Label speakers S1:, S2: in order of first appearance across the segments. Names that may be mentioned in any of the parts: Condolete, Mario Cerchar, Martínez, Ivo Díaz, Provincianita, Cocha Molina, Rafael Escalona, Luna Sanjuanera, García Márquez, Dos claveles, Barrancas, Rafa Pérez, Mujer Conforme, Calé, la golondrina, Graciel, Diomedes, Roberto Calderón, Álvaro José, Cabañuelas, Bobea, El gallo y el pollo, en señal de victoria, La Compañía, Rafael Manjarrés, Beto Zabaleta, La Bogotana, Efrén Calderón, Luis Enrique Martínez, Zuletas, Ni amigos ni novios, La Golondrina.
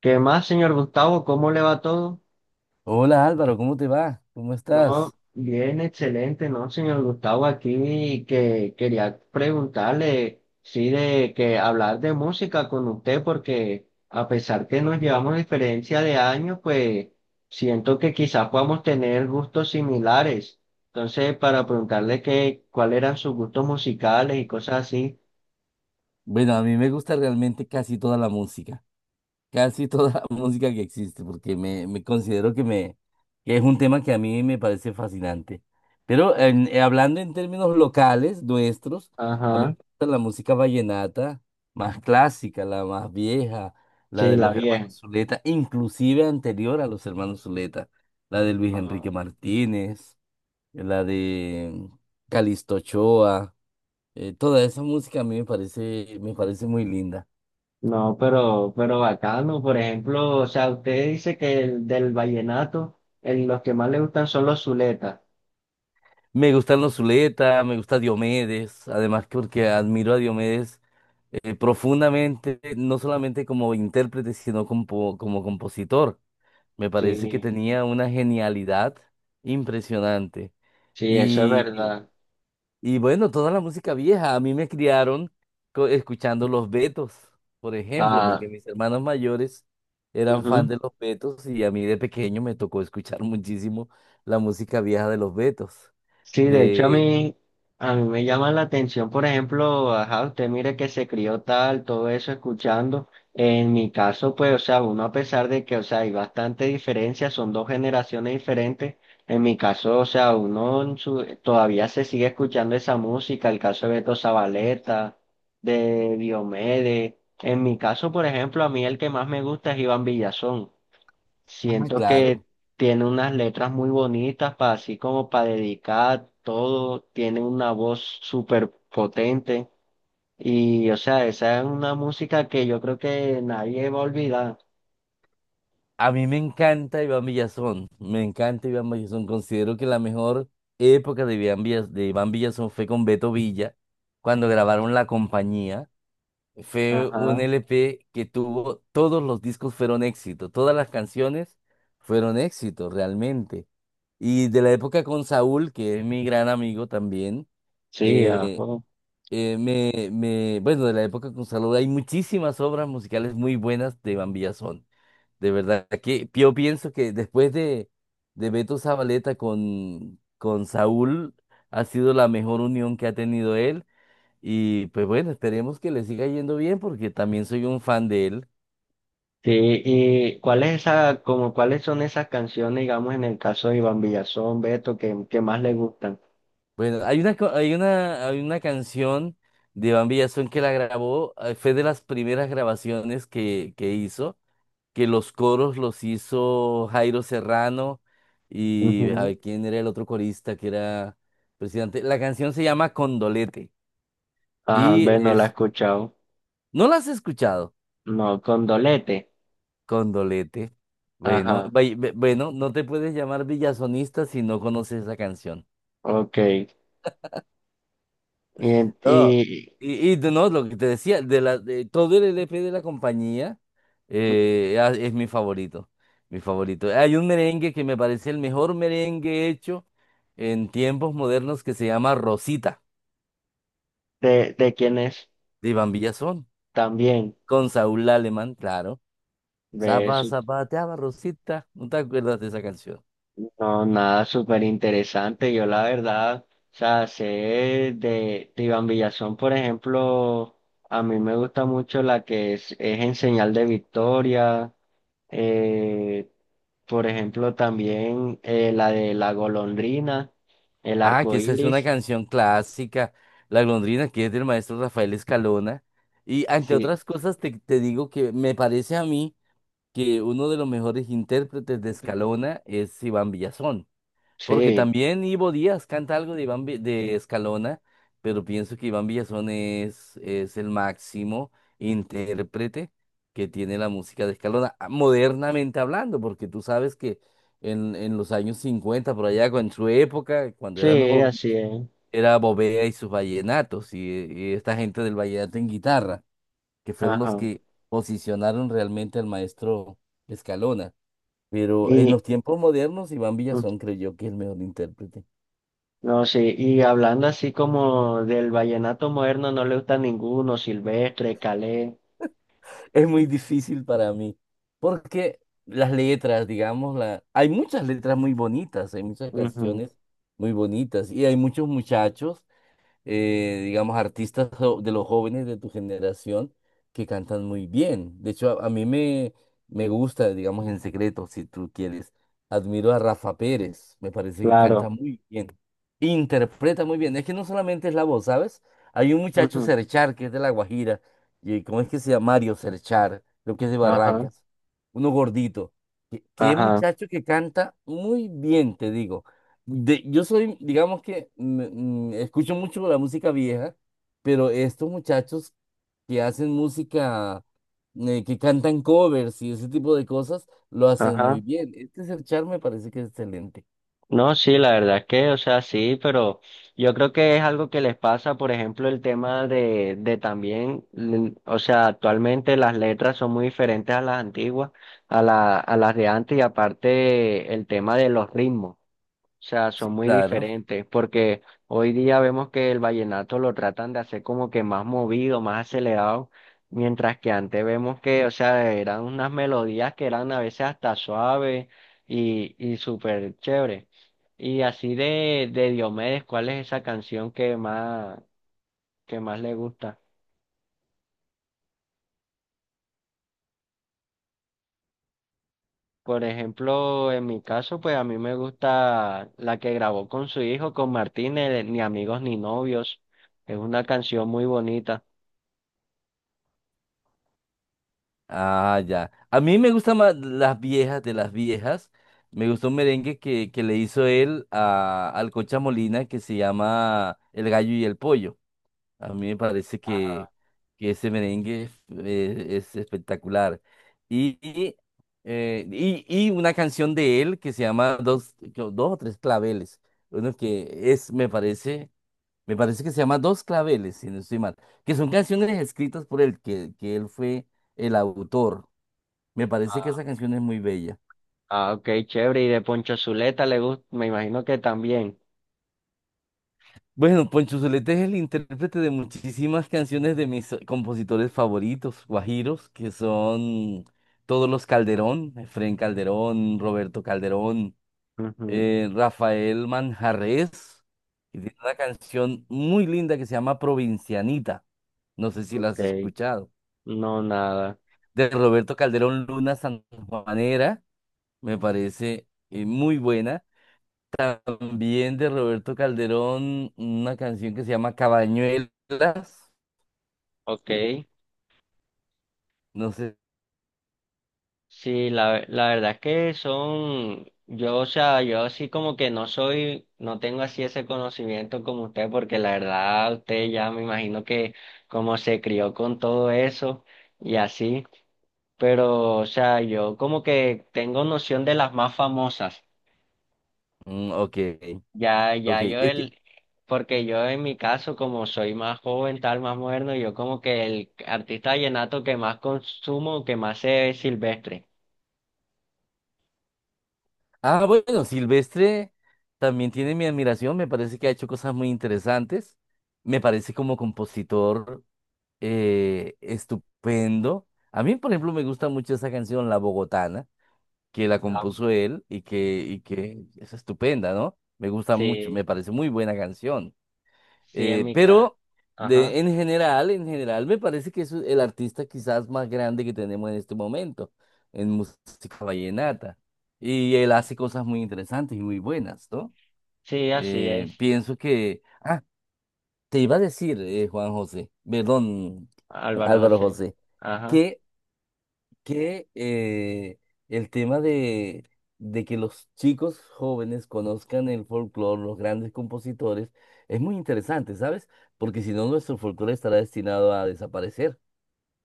S1: ¿Qué más, señor Gustavo? ¿Cómo le va todo?
S2: Hola Álvaro, ¿cómo te va? ¿Cómo
S1: No,
S2: estás?
S1: bien, excelente, ¿no, señor Gustavo? Aquí que quería preguntarle, sí, de que hablar de música con usted, porque a pesar que nos llevamos diferencia de años, pues siento que quizás podamos tener gustos similares. Entonces, para preguntarle que, cuáles eran sus gustos musicales y cosas así.
S2: Bueno, a mí me gusta realmente casi toda la música, casi toda la música que existe, porque me considero que es un tema que a mí me parece fascinante. Pero hablando en términos locales, nuestros, a mí
S1: Ajá,
S2: me gusta la música vallenata más clásica, la más vieja, la
S1: sí,
S2: de
S1: la
S2: los
S1: vieja.
S2: hermanos Zuleta, inclusive anterior a los hermanos Zuleta, la de Luis
S1: Ajá.
S2: Enrique Martínez, la de Calixto Ochoa. Toda esa música a mí me parece muy linda.
S1: No, pero bacano. Por ejemplo, o sea, usted dice que el del vallenato, los que más le gustan son los zuletas.
S2: Me gustan los Zuleta, me gusta Diomedes, además que porque admiro a Diomedes profundamente, no solamente como intérprete, sino como compositor. Me parece que
S1: Sí,
S2: tenía una genialidad impresionante.
S1: sí, eso es
S2: Y
S1: verdad.
S2: Y bueno, toda la música vieja, a mí me criaron escuchando los Betos, por ejemplo, porque
S1: Ah,
S2: mis hermanos mayores eran fan
S1: ujú.
S2: de los Betos y a mí de pequeño me tocó escuchar muchísimo la música vieja de los Betos.
S1: Sí, de hecho
S2: De,
S1: a mí me llama la atención, por ejemplo, ajá, usted mire que se crió tal, todo eso escuchando. En mi caso, pues, o sea, uno a pesar de que, o sea, hay bastante diferencia, son dos generaciones diferentes. En mi caso, o sea, todavía se sigue escuchando esa música, el caso de Beto Zabaleta, de Diomedes. En mi caso, por ejemplo, a mí el que más me gusta es Iván Villazón.
S2: ah,
S1: Siento que
S2: claro,
S1: tiene unas letras muy bonitas para así como para dedicar todo, tiene una voz súper potente y o sea, esa es una música que yo creo que nadie va a olvidar.
S2: a mí me encanta Iván Villazón, me encanta Iván Villazón, considero que la mejor época de Iván Villazón fue con Beto Villa, cuando grabaron La Compañía. Fue un
S1: Ajá,
S2: LP que tuvo, todos los discos fueron éxito, todas las canciones fueron éxito realmente. Y de la época con Saúl, que es mi gran amigo también,
S1: sí,
S2: eh,
S1: ajo.
S2: bueno, de la época con Saúl hay muchísimas obras musicales muy buenas de Van Villazón. De verdad que yo pienso que de Beto Zabaleta con Saúl, ha sido la mejor unión que ha tenido él. Y pues bueno, esperemos que le siga yendo bien porque también soy un fan de él.
S1: Sí, y ¿cuál es esa, como cuáles son esas canciones, digamos, en el caso de Iván Villazón, Beto, que más le gustan?
S2: Bueno, hay una, co- hay una canción de Iván Villazón que la grabó, fue de las primeras grabaciones que hizo, que los coros los hizo Jairo Serrano y a
S1: Ujú.
S2: ver quién era el otro corista que era presidente. La canción se llama Condolete
S1: Ajá,
S2: y
S1: ve, no la he
S2: es,
S1: escuchado.
S2: ¿no la has escuchado?
S1: No, Condolete.
S2: Condolete. Bueno,
S1: Ajá,
S2: bueno, no te puedes llamar villazonista si no conoces esa canción.
S1: ok. En-
S2: No,
S1: y,
S2: no, lo que te decía, de todo el LP de la compañía es mi favorito, mi favorito. Hay un merengue que me parece el mejor merengue hecho en tiempos modernos que se llama Rosita,
S1: ¿de, de quienes
S2: de Iván Villazón,
S1: también?
S2: con Saúl Alemán, claro.
S1: ve su-
S2: Zapateaba Rosita, ¿no te acuerdas de esa canción?
S1: no, nada súper interesante. Yo la verdad, o sea, sé de Iván Villazón, por ejemplo, a mí me gusta mucho la que es en señal de victoria. Eh, por ejemplo, también la de la golondrina, el
S2: Ah,
S1: arco
S2: que esa es una
S1: iris.
S2: canción clásica, La Golondrina, que es del maestro Rafael Escalona. Y entre
S1: Sí,
S2: otras cosas te digo que me parece a mí que uno de los mejores intérpretes de Escalona es Iván Villazón, porque
S1: sí,
S2: también Ivo Díaz canta algo de Escalona, pero pienso que Iván Villazón es el máximo intérprete que tiene la música de Escalona, ah, modernamente hablando, porque tú sabes que en los años 50 por allá, en su época, cuando eran
S1: sí,
S2: jóvenes,
S1: así es.
S2: era Bobea y sus vallenatos, y esta gente del vallenato en guitarra, que fueron los
S1: Ajá.
S2: que posicionaron realmente al maestro Escalona. Pero en
S1: Y.
S2: los tiempos modernos, Iván Villazón creyó que es el mejor intérprete.
S1: No, sí, y hablando así como del vallenato moderno, no le gusta ninguno, Silvestre, Calé,
S2: Es muy difícil para mí, porque las letras, digamos, la... hay muchas letras muy bonitas, hay muchas
S1: ujú,
S2: canciones muy bonitas, y hay muchos muchachos digamos, de los jóvenes de tu generación que cantan muy bien. De hecho, a mí me gusta, digamos, en secreto, si tú quieres. Admiro a Rafa Pérez, me parece que canta
S1: claro,
S2: muy bien, interpreta muy bien. Es que no solamente es la voz, ¿sabes? Hay un muchacho
S1: ujú,
S2: Cerchar que es de La Guajira, y ¿cómo es que se llama? Mario Cerchar, creo que es de
S1: ajá,
S2: Barrancas, uno gordito. Qué
S1: ajá,
S2: muchacho que canta muy bien, te digo yo soy, digamos que escucho mucho la música vieja, pero estos muchachos que hacen música, que cantan covers y ese tipo de cosas, lo hacen muy
S1: ajá.
S2: bien. Este es el char me parece que es excelente.
S1: No, sí, la verdad es que, o sea, sí, pero yo creo que es algo que les pasa, por ejemplo, el tema de también, o sea, actualmente las letras son muy diferentes a las antiguas, a las de antes, y aparte el tema de los ritmos. O sea,
S2: Sí,
S1: son muy
S2: claro.
S1: diferentes, porque hoy día vemos que el vallenato lo tratan de hacer como que más movido, más acelerado, mientras que antes vemos que, o sea, eran unas melodías que eran a veces hasta suaves y súper chévere. Y así de Diomedes, ¿cuál es esa canción que más le gusta? Por ejemplo, en mi caso, pues a mí me gusta la que grabó con su hijo, con Martínez, Ni amigos ni novios. Es una canción muy bonita.
S2: Ah, ya. A mí me gustan más las viejas de las viejas. Me gustó un merengue que le hizo él al Cocha Molina que se llama El gallo y el pollo. A mí me parece que ese merengue es espectacular. Y, y, y una canción de él que se llama Dos, creo, dos o tres claveles. Uno que es, me parece que se llama Dos claveles, si no estoy mal. Que son canciones escritas por él, que él fue el autor. Me parece que esa canción es muy bella.
S1: Ah, ok, chévere. Y de Poncho Zuleta le gusta, me imagino que también.
S2: Bueno, Poncho Zuleta es el intérprete de muchísimas canciones de mis compositores favoritos, guajiros, que son todos los Calderón, Efrén Calderón, Roberto Calderón,
S1: Ujú.
S2: Rafael Manjarrés, y tiene una canción muy linda que se llama Provincianita, no sé si la
S1: Ok,
S2: has escuchado,
S1: no nada.
S2: de Roberto Calderón Luna Sanjuanera, me parece muy buena, también de Roberto Calderón, una canción que se llama Cabañuelas.
S1: Ok,
S2: No sé.
S1: sí, la verdad es que son, yo, o sea, yo así como que no soy, no tengo así ese conocimiento como usted, porque la verdad usted ya me imagino que como se crió con todo eso y así, pero, o sea, yo como que tengo noción de las más famosas.
S2: Mm, ok,
S1: Ya, ya
S2: ok.
S1: yo
S2: Es que,
S1: el, porque yo en mi caso, como soy más joven, tal, más moderno, yo como que el artista vallenato que más consumo, que más sé es Silvestre.
S2: ah, bueno, Silvestre también tiene mi admiración. Me parece que ha hecho cosas muy interesantes. Me parece como compositor estupendo. A mí, por ejemplo, me gusta mucho esa canción, La Bogotana, que la
S1: Claro.
S2: compuso él y que es estupenda, ¿no? Me gusta mucho, me
S1: Sí,
S2: parece muy buena canción.
S1: sí, en
S2: Eh,
S1: mi caso.
S2: pero
S1: Ajá.
S2: en general me parece que es el artista quizás más grande que tenemos en este momento en música vallenata. Y él
S1: Sí.
S2: hace cosas muy interesantes y muy buenas, ¿no?
S1: Sí, así es,
S2: Pienso que... Ah, te iba a decir, Juan José, perdón,
S1: Álvaro
S2: Álvaro
S1: José.
S2: José,
S1: Ajá.
S2: que que el tema de que los chicos jóvenes conozcan el folclore, los grandes compositores, es muy interesante, ¿sabes? Porque si no, nuestro folclore estará destinado a desaparecer.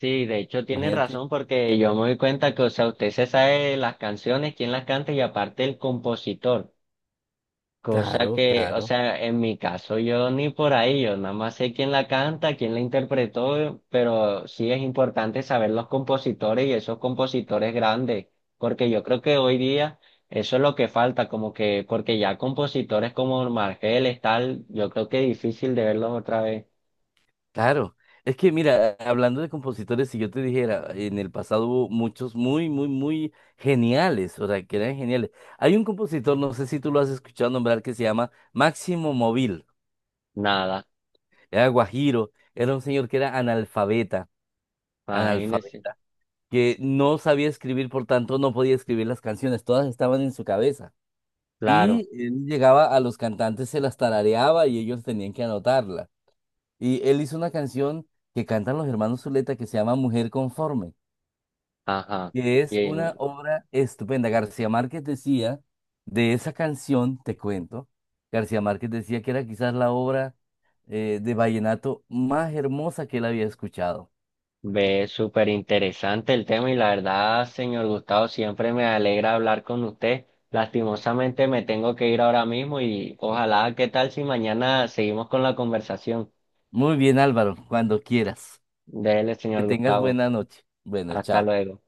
S1: Sí, de hecho tiene
S2: Imagínate.
S1: razón porque yo me doy cuenta que, o sea, usted se sabe las canciones, quién las canta y aparte el compositor. Cosa
S2: Claro,
S1: que, o
S2: claro.
S1: sea, en mi caso yo ni por ahí, yo nada más sé quién la canta, quién la interpretó, pero sí es importante saber los compositores y esos compositores grandes, porque yo creo que hoy día eso es lo que falta, como que, porque ya compositores como Margeles, tal, yo creo que es difícil de verlos otra vez.
S2: Claro, es que mira, hablando de compositores, si yo te dijera, en el pasado hubo muchos muy geniales, o sea, que eran geniales. Hay un compositor, no sé si tú lo has escuchado nombrar, que se llama Máximo Móvil,
S1: Nada,
S2: era guajiro, era un señor que era analfabeta,
S1: imagínense,
S2: analfabeta, que no sabía escribir, por tanto no podía escribir las canciones, todas estaban en su cabeza.
S1: claro,
S2: Y él llegaba a los cantantes, se las tarareaba y ellos tenían que anotarla. Y él hizo una canción que cantan los hermanos Zuleta que se llama Mujer Conforme,
S1: ajá.
S2: que es una
S1: Y
S2: obra estupenda. García Márquez decía, de esa canción, te cuento, García Márquez decía que era quizás la obra de vallenato más hermosa que él había escuchado.
S1: ve, súper interesante el tema y la verdad, señor Gustavo, siempre me alegra hablar con usted. Lastimosamente me tengo que ir ahora mismo y ojalá, ¿qué tal si mañana seguimos con la conversación?
S2: Muy bien, Álvaro, cuando quieras.
S1: Dele,
S2: Que
S1: señor
S2: tengas
S1: Gustavo.
S2: buena noche. Bueno,
S1: Hasta
S2: chao.
S1: luego.